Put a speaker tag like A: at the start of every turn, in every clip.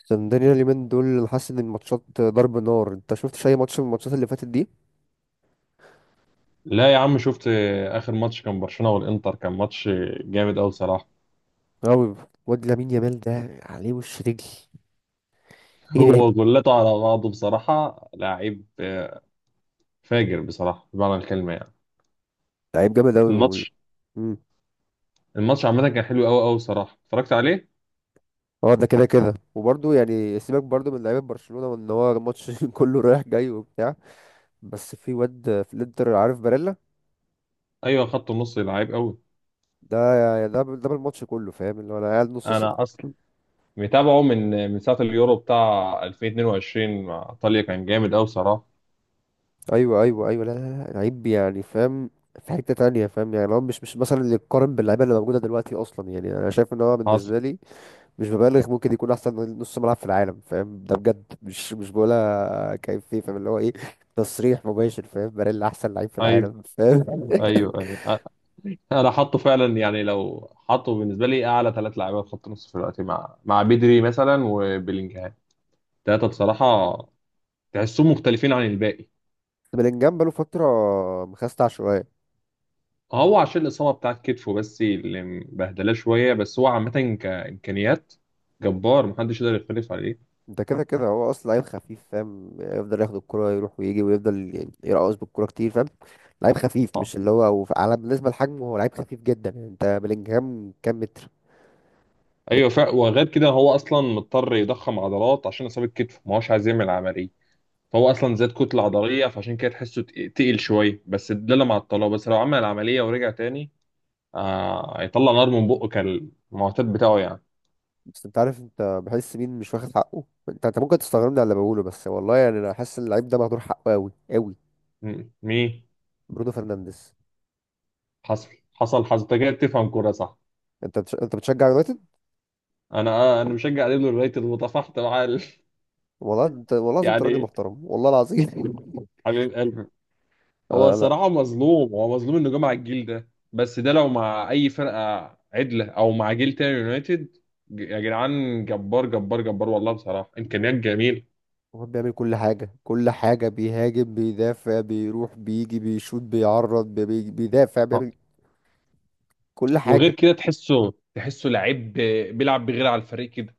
A: اسكندرية اليومين دول انا حاسس ان الماتشات ضرب نار. انت شفتش اي ماتش من الماتشات اللي فاتت دي؟
B: لا يا عم، شفت. اخر ماتش كان برشلونه والانتر، كان ماتش جامد قوي بصراحه.
A: اوي. واد لامين يامال ده عليه وش رجل. ايه ده!
B: هو جولته على بعضه بصراحه لعيب، آه. فاجر بصراحه بمعنى الكلمه يعني.
A: لعيب جامد اوي
B: الماتش
A: مم.
B: الماتش عامه كان حلو قوي قوي بصراحه، اتفرجت عليه.
A: اه، ده كده كده. وبرضه يعني سيبك برضه من لعيبه برشلونه، وان هو الماتش كله رايح جاي وبتاع. بس في واد في الانتر عارف؟ باريلا.
B: ايوه، خط النص لعيب قوي.
A: ده يعني ده بالماتش كله، فاهم؟ اللي هو انا قاعد نص ست.
B: انا اصلا متابعه من ساعه اليورو بتاع 2022 مع ايطاليا، كان جامد قوي بصراحه.
A: ايوه ايوه ايوه، لا لا لا، لعيب يعني، فاهم؟ في حته تانية، فاهم يعني؟ هو مش مثلا اللي يتقارن باللعيبه اللي موجوده دلوقتي اصلا. يعني انا شايف ان هو
B: حصل.
A: بالنسبه لي، مش ببالغ، ممكن يكون احسن نص ملعب في العالم، فاهم؟ ده بجد، مش بقولها كيف فيه، فاهم اللي هو ايه؟ تصريح مباشر، فاهم؟ باريلا احسن لعيب في
B: ايوه،
A: العالم، فاهم؟
B: ايوه، ايوه، انا حاطه فعلا، يعني لو حاطه بالنسبه لي اعلى 3 لعيبه في خط النص في الوقت مع بدري مثلا وبيلينجهام. التلاتة بصراحة تحسهم مختلفين عن الباقي.
A: بلينجهام بقاله فتره مخستع شويه.
B: هو عشان الإصابة بتاعت كتفه، بس اللي مبهدلاه شوية، بس هو عامة كإمكانيات جبار، محدش يقدر يختلف عليه.
A: انت كده كده هو اصلا لعيب خفيف، فاهم؟ يفضل ياخد الكرة يروح ويجي، ويفضل يعني يرقص بالكرة كتير، فاهم؟ لعيب خفيف.
B: اه،
A: مش اللي هو على بالنسبه لحجمه هو لعيب خفيف جدا. يعني انت بلينجهام كام متر؟
B: أيوة، فا وغير كده هو أصلا مضطر يضخم عضلات عشان إصابة كتفه، ما هوش عايز يعمل عملية. فهو أصلا زاد كتلة عضلية، فعشان كده تحسه تقيل شوية، بس ده اللي مع الطلاق، بس لو عمل العملية ورجع تاني هيطلع نار من بقه كالمعتاد بتاعه يعني.
A: بس انت عارف انت بحس مين مش واخد حقه؟ انت ممكن تستغربني على اللي بقوله، بس والله يعني انا حاسس ان اللعيب ده مهدور حقه قوي قوي.
B: مين؟
A: برونو فرنانديز.
B: حصل، حصل، حصل. انت كده بتفهم كورة، صح؟
A: انت بتشجع يونايتد؟
B: انا مشجع اليوم اليونايتد وتفاحت معاه.
A: والله انت، والله لازم انت راجل
B: يعني
A: محترم، والله العظيم.
B: حبيب قلبي. هو
A: لا لا.
B: الصراحه مظلوم، هو مظلوم انه جه مع الجيل ده، بس ده لو مع اي فرقه عدله او مع جيل تاني يونايتد. يا جدعان، جبار جبار جبار والله، بصراحه امكانيات جميله.
A: هو بيعمل كل حاجه، كل حاجه، بيهاجم، بيدافع، بيروح، بيجي، بيشوط، بيعرض، بيدافع،
B: آه.
A: بيعمل كل
B: وغير
A: حاجه.
B: كده تحسه لعيب، بيلعب بغير على الفريق كده.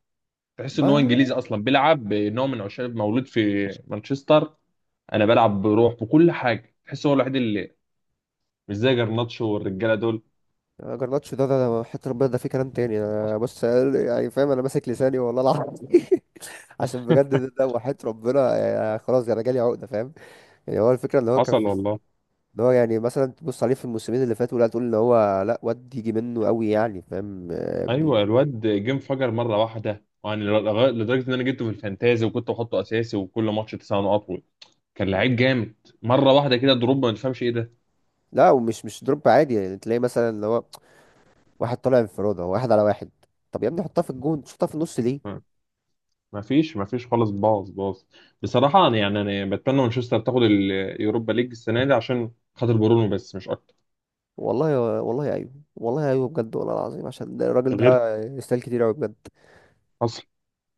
B: تحس ان هو
A: ما
B: انجليزي اصلا بيلعب، نوع من عشاق مولود في مانشستر. انا بلعب بروح بكل حاجه، تحس هو الوحيد اللي مش زي جرناتشو والرجاله دول.
A: جرناتشو ده ده حتى ربنا، ده في كلام تاني. انا بص يعني فاهم، انا ماسك لساني والله العظيم. عشان بجد ده، ده وحياة ربنا، يعني خلاص انا جالي عقده، فاهم؟ يعني هو الفكره ان هو كان
B: حصل
A: في
B: والله.
A: اللي هو، يعني مثلا تبص عليه في الموسمين اللي فاتوا، لا تقول ان هو لا، واد يجي منه قوي يعني، فاهم؟ آه،
B: ايوه، الواد جه انفجر مره واحده يعني، لدرجه ان انا جبته في الفانتازي وكنت بحطه اساسي وكل ماتش 9 نقط . كان لعيب جامد. مره واحده كده دروب، ما تفهمش ايه ده.
A: لا، ومش مش دروب عادي، يعني تلاقي مثلا اللي هو واحد طالع انفرادة واحد على واحد. طب يا ابني حطها في الجون، شوطها في النص ليه؟
B: ما فيش ما فيش خالص، باظ باظ. بصراحه يعني انا بتمنى مانشستر تاخد اليوروبا ليج السنه دي عشان خاطر برونو، بس مش اكتر.
A: والله والله، ايوه والله، ايوه بجد، والله العظيم، عشان ده الراجل
B: غير
A: ده يستاهل كتير قوي بجد.
B: اصلا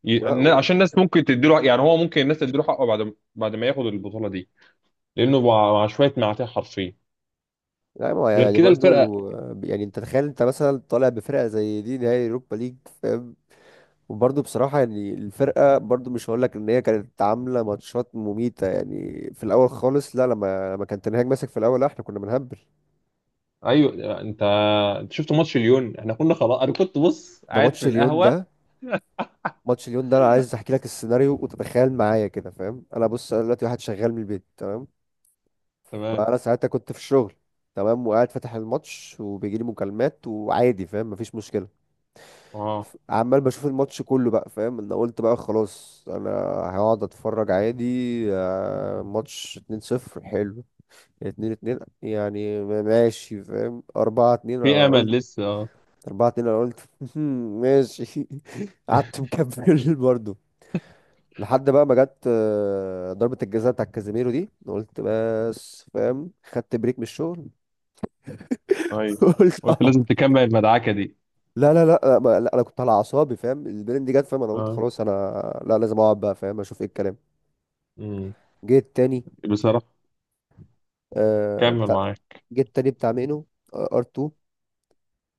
A: ولا و...
B: عشان الناس ممكن تديله، يعني هو ممكن الناس تديله حقه بعد ما ياخد البطوله دي. لانه مع شويه معاتيه حرفيا.
A: لا ما هو
B: غير
A: يعني
B: كده
A: برضو،
B: الفرقه.
A: آه، يعني انت تخيل انت مثلا طالع بفرقة زي دي نهائي اوروبا ليج، فاهم؟ وبرضه بصراحة يعني الفرقة برضه مش هقول لك إن هي كانت عاملة ماتشات مميتة يعني في الأول خالص. لا، لما كان تنهاج ماسك في الأول، لا إحنا كنا بنهبل.
B: ايوه، انت شفت ماتش ليون، احنا كنا خلاص، انا كنت بص
A: ده
B: قاعد
A: ماتش
B: في
A: ليون ده.
B: القهوه.
A: ماتش ليون ده أنا عايز أحكي لك السيناريو وتتخيل معايا كده، فاهم؟ أنا بص، أنا دلوقتي واحد شغال من البيت، تمام.
B: تمام.
A: فأنا ساعتها كنت في الشغل، تمام، وقاعد فاتح الماتش، وبيجيلي مكالمات وعادي، فاهم؟ مفيش مشكلة.
B: اه،
A: عمال بشوف الماتش كله بقى، فاهم؟ انا قلت بقى خلاص انا هقعد اتفرج عادي. آه، ماتش 2-0 حلو. اتنين اتنين يعني ماشي، فاهم؟ أربعة اتنين
B: في
A: أنا
B: امل
A: قلت،
B: لسه، اه.
A: أربعة اتنين أنا قلت، ماشي. قعدت مكمل برضه، لحد بقى ما جت، آه، ضربة الجزاء بتاع كازيميرو دي. أنا قلت بس، فاهم؟ خدت بريك من الشغل.
B: ايوه،
A: قلت
B: قلت
A: أقعد.
B: لازم تكمل المدعكه دي.
A: لا لا لا لا، انا كنت على اعصابي، فاهم؟ البرين دي جت، فاهم؟ انا قلت
B: اه.
A: خلاص انا لا، لازم اقعد بقى، فاهم؟ اشوف ايه الكلام.
B: امم
A: جيت تاني،
B: بصراحة
A: آه،
B: كمل
A: بتاع،
B: معايا،
A: جيت تاني بتاع مينو ار2.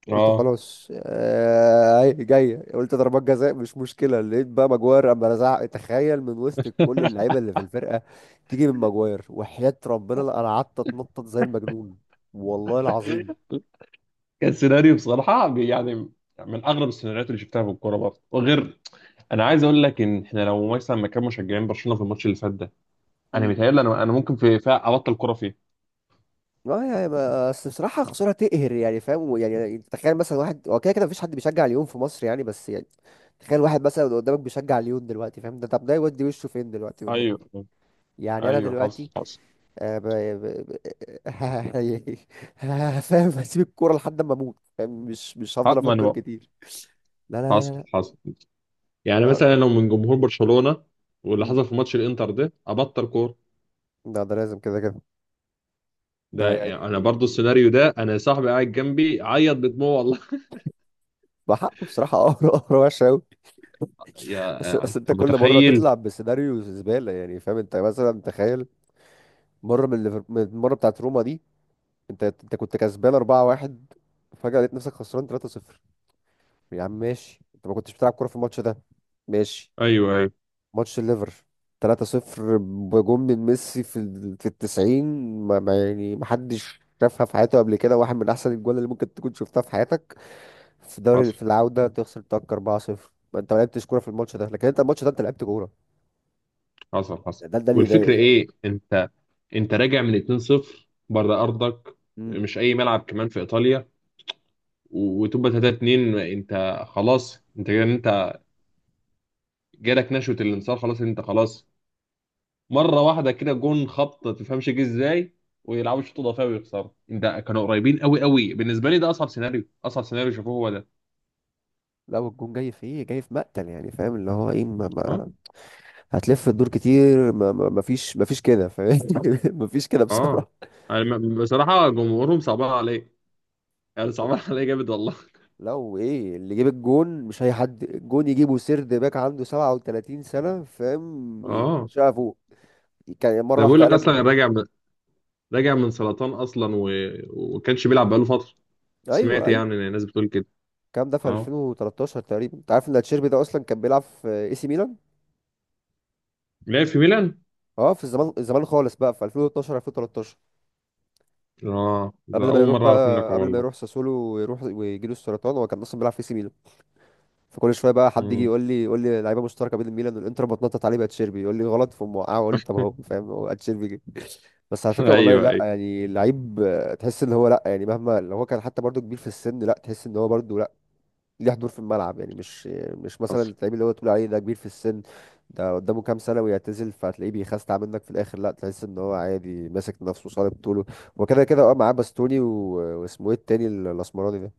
A: قلت
B: اه.
A: خلاص آه، هي جايه، قلت ضربات جزاء مش مشكله. لقيت بقى ماجواير اما لزعق! تخيل من وسط كل اللعيبه اللي في الفرقه تيجي من ماجواير، وحياه ربنا لا، انا قعدت اتنطط زي المجنون، والله العظيم.
B: كان سيناريو بصراحه يعني من اغرب السيناريوهات اللي شفتها في الكوره برضه. وغير، انا عايز اقول لك ان احنا لو مثلا مكان مشجعين برشلونه في الماتش اللي فات ده، انا
A: امم،
B: متهيألي انا ممكن فيها ابطل كوره فيه.
A: اه يعني بس بصراحه خساره تقهر يعني، فاهم؟ يعني تخيل مثلا واحد، هو كده كده مفيش حد بيشجع ليون في مصر يعني، بس يعني تخيل واحد مثلا قدامك بيشجع ليون دلوقتي، فاهم ده؟ طب ده يودي وشه فين دلوقتي والنبي؟
B: ايوه،
A: يعني انا
B: ايوه، حصل،
A: دلوقتي
B: حصل.
A: آه، فاهم؟ هسيب الكوره لحد ما اموت، فاهم؟ مش
B: اه،
A: هفضل
B: ما انا
A: افكر
B: بقى.
A: كتير. لا لا لا
B: حصل،
A: لا
B: حصل، يعني
A: لا لا
B: مثلا لو من جمهور برشلونة واللي
A: مم.
B: حصل في ماتش الانتر ده، ابطل كوره.
A: لا، ده لازم كده كده. ده
B: ده انا برضو
A: يعني
B: السيناريو ده، انا صاحبي قاعد جنبي عيط بدموع والله.
A: بحقه بصراحه قهر، قهر وحش قوي. اصل
B: يا
A: اصل انت
B: انت
A: كل مره
B: متخيل.
A: تطلع بسيناريو زباله يعني، فاهم؟ انت مثلا تخيل مره من من المره بتاعت روما دي، انت كنت كسبان 4-1، فجاه لقيت نفسك خسران 3-0. يا عم ماشي، انت ما كنتش بتلعب كوره في الماتش ده، ماشي.
B: ايوه، ايوه،
A: ماتش الليفر 3-0 بجون من ميسي في في التسعين. ما يعني ما حدش شافها في حياته قبل كده، واحد من احسن الجوال اللي ممكن تكون شفتها في حياتك. في دوري في
B: حصل،
A: العودة تخسر تاك 4-0؟ ما انت ما لعبتش كورة في الماتش ده، لكن انت الماتش ده انت لعبت كورة.
B: حصل، حصل.
A: ده اللي يضايق،
B: والفكره
A: فاهم؟
B: ايه؟ انت راجع من 2-0 بره ارضك،
A: امم.
B: مش اي ملعب كمان في ايطاليا، وتبقى 3-2، انت خلاص، انت كده، انت جالك نشوة الانتصار، خلاص انت خلاص. مره واحده كده جون خبط، ما تفهمش جه ازاي، ويلعبوا شوط اضافي ويخسروا. ده كانوا قريبين قوي قوي بالنسبه لي، ده اصعب سيناريو، اصعب سيناريو شافوه هو ده.
A: لا، والجون جاي في ايه، جاي في مقتل يعني، فاهم اللي هو ايه؟ ما
B: اه،
A: ما هتلف الدور كتير، ما فيش، ما فيش كده، فاهم؟ ما فيش كده
B: اه،
A: بصراحة.
B: يعني بصراحه جمهورهم صعبان عليه، يعني صعبان عليه جامد والله.
A: لو ايه اللي جيب الجون؟ مش اي حد الجون يجيبه سيرد باك عنده 37 سنة، فاهم؟
B: اه،
A: شافه كان مرة
B: ده بيقول
A: واحدة
B: لك
A: قلب
B: اصلا
A: مهاجم.
B: راجع من سرطان اصلا. وكانش بيلعب بقاله فتره.
A: ايوه
B: سمعت
A: ايوه.
B: يعني إن الناس بتقول كده.
A: الكلام ده في
B: اه،
A: 2013 تقريبا. انت عارف ان تشيربي ده اصلا كان بيلعب في اي سي ميلان؟
B: لعب في ميلان.
A: اه، في الزمان خالص بقى في 2012، 2013،
B: اه، ده
A: قبل ما
B: اول
A: يروح
B: مره اعرف منك
A: بقى، قبل ما يروح
B: والله.
A: ساسولو ويروح ويجي له السرطان، هو كان اصلا بيلعب في اي سي ميلان. فكل شويه بقى حد يجي
B: امم
A: يقول لي، يقول لي لعيبه مشتركه بين الميلان والانتر بتنطط عليه بقى، تشيربي يقول لي غلط فموقعه، اقول له طب اهو، فاهم؟ هو تشيربي بس، على فكره والله،
B: ايوه،
A: لا
B: ايوه،
A: يعني لعيب، آه، تحس ان هو لا يعني، مهما لو هو كان حتى برضو كبير في السن، لا تحس ان هو برضو لا، ليه حضور في الملعب يعني. مش مثلا
B: حصل.
A: اللعيب اللي هو تقول عليه ده كبير في السن ده قدامه كام سنه ويعتزل، فهتلاقيه بيخستع منك في الاخر، لا، تحس ان هو عادي ماسك نفسه صلب طوله، وكده كده اه معاه باستوني واسمه ايه التاني الاسمراني ده،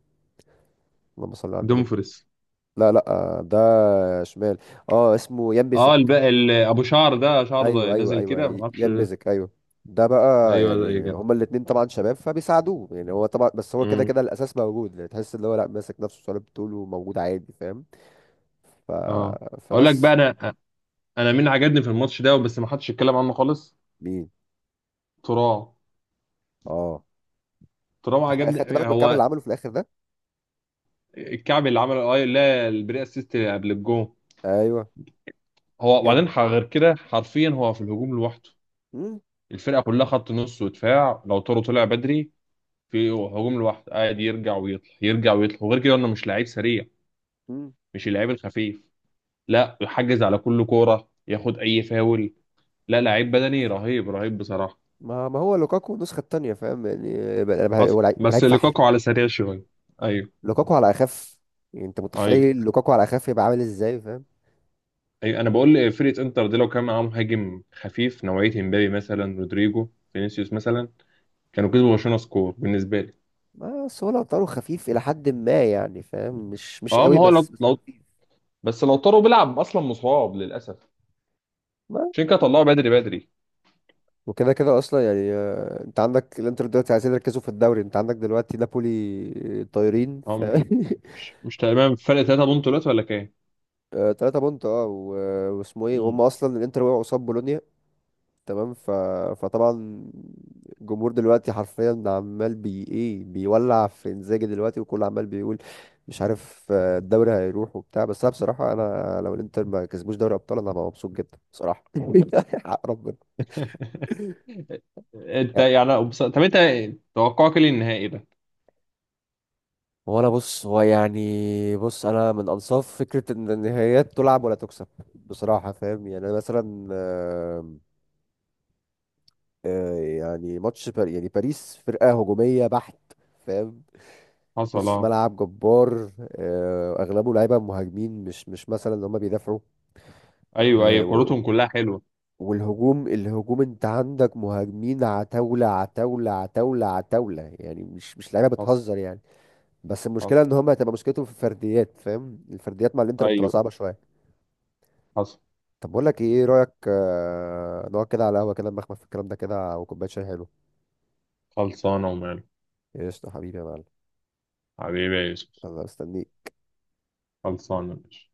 A: اللهم صل على النبي.
B: دومفريس.
A: لا لا آه، ده شمال. اه اسمه يان.
B: اه، ابو شعر ده، شعره
A: ايوه ايوه
B: نازل
A: ايوه
B: كده ما اعرفش.
A: ينبذك، ايوه. ده بقى
B: ايوه زي
A: يعني،
B: كده.
A: هما الاتنين طبعا شباب فبيساعدوه، يعني هو طبعا، بس هو كده
B: امم
A: كده الاساس موجود، يعني تحس ان هو لا ماسك نفسه صليب طوله، موجود عادي، فاهم؟ ف...
B: اه، اقول لك بقى،
A: فبس.
B: انا مين عجبني في الماتش ده، بس ما حدش اتكلم عنه خالص.
A: مين؟
B: ترام.
A: اه.
B: ترام عجبني،
A: خدت بالك
B: يعني
A: من الكعب
B: هو
A: اللي عمله في الاخر ده؟
B: الكعب اللي عمله، اي لا، البري اسيست قبل الجون.
A: ايوه.
B: هو،
A: كان-
B: وبعدين غير كده حرفيا هو في الهجوم لوحده،
A: مم،
B: الفرقه كلها خط نص ودفاع، لو تورو طلع بدري، في هجوم لوحده قاعد يرجع ويطلع، يرجع ويطلع. وغير كده انه مش لعيب سريع،
A: مم.
B: مش اللعيب الخفيف لا يحجز على كل كوره، ياخد اي فاول. لا، لعيب بدني رهيب رهيب بصراحة.
A: ما هو لوكاكو النسخه التانيه، فاهم يعني؟
B: حصل،
A: هو لعيب، هو لعيب
B: بس
A: فحل.
B: لوكاكو على سريع شوية. ايوه،
A: لوكاكو على اخف، يعني انت متخيل
B: ايوه،
A: لوكاكو على اخف يبقى عامل ازاي، فاهم؟
B: ايوه، انا بقول فرقة انتر دي لو كان معاهم مهاجم خفيف نوعية امبابي مثلا، رودريجو، فينيسيوس مثلا، كانوا كسبوا برشلونة سكور بالنسبة لي.
A: بس هو لو طاره خفيف الى حد ما يعني، فاهم؟ مش
B: اه،
A: قوي
B: ما هو لو
A: بس.
B: لو بس لو طاروا بيلعب اصلا مصاب للاسف، عشان كده طلعوا بدري بدري.
A: وكده كده اصلا يعني، آه، انت عندك الانتر دلوقتي عايزين يركزوا في الدوري، انت عندك دلوقتي نابولي طايرين.
B: اه،
A: ف
B: مش مش مش تمام، فرق 3 بونت دلوقتي ولا كام؟
A: آه، تلاتة بونت، اه، واسمه ايه،
B: مم.
A: وهم اصلا الانتر وقعوا قصاد بولونيا، تمام. فطبعا الجمهور دلوقتي حرفيا عمال بي ايه، بيولع في انزاجي دلوقتي، وكله عمال بيقول مش عارف، آه، الدوري هيروح وبتاع. بس انا بصراحة انا لو الانتر ما كسبوش دوري ابطال انا هبقى مبسوط جدا بصراحة. حق ربنا.
B: انت يعني بص، طب انت توقعك ايه للنهائي ده؟
A: هو انا بص، هو يعني، بص انا من انصاف فكره ان النهائيات تلعب ولا تكسب بصراحه، فاهم؟ يعني انا مثلا، آه، آه، يعني ماتش بار يعني باريس فرقه هجوميه بحت، فاهم؟
B: حصل،
A: نص
B: اه.
A: ملعب جبار، آه، اغلبه لعيبه مهاجمين، مش مثلا ان هم بيدافعوا.
B: ايوه،
A: آه،
B: ايوه، كورتهم كلها حلوه.
A: والهجوم، الهجوم انت عندك مهاجمين عتاوله عتاوله عتاوله عتاوله، يعني مش لعيبه
B: حصل،
A: بتهزر يعني. بس المشكله
B: حصل.
A: ان هم، هتبقى مشكلتهم في الفرديات، فاهم؟ الفرديات مع الانتر بتبقى
B: ايوه،
A: صعبه شويه.
B: حصل.
A: طب بقول لك ايه، إيه رايك آه، نقعد كده على قهوه كده، نمخمخ في الكلام ده كده، وكوبايه شاي حلو.
B: خلصانه وماله.
A: قشطه حبيبي يا معلم.
B: حبيبي يا يوسف.
A: انا مستنيك.
B: خلصانه ماشي.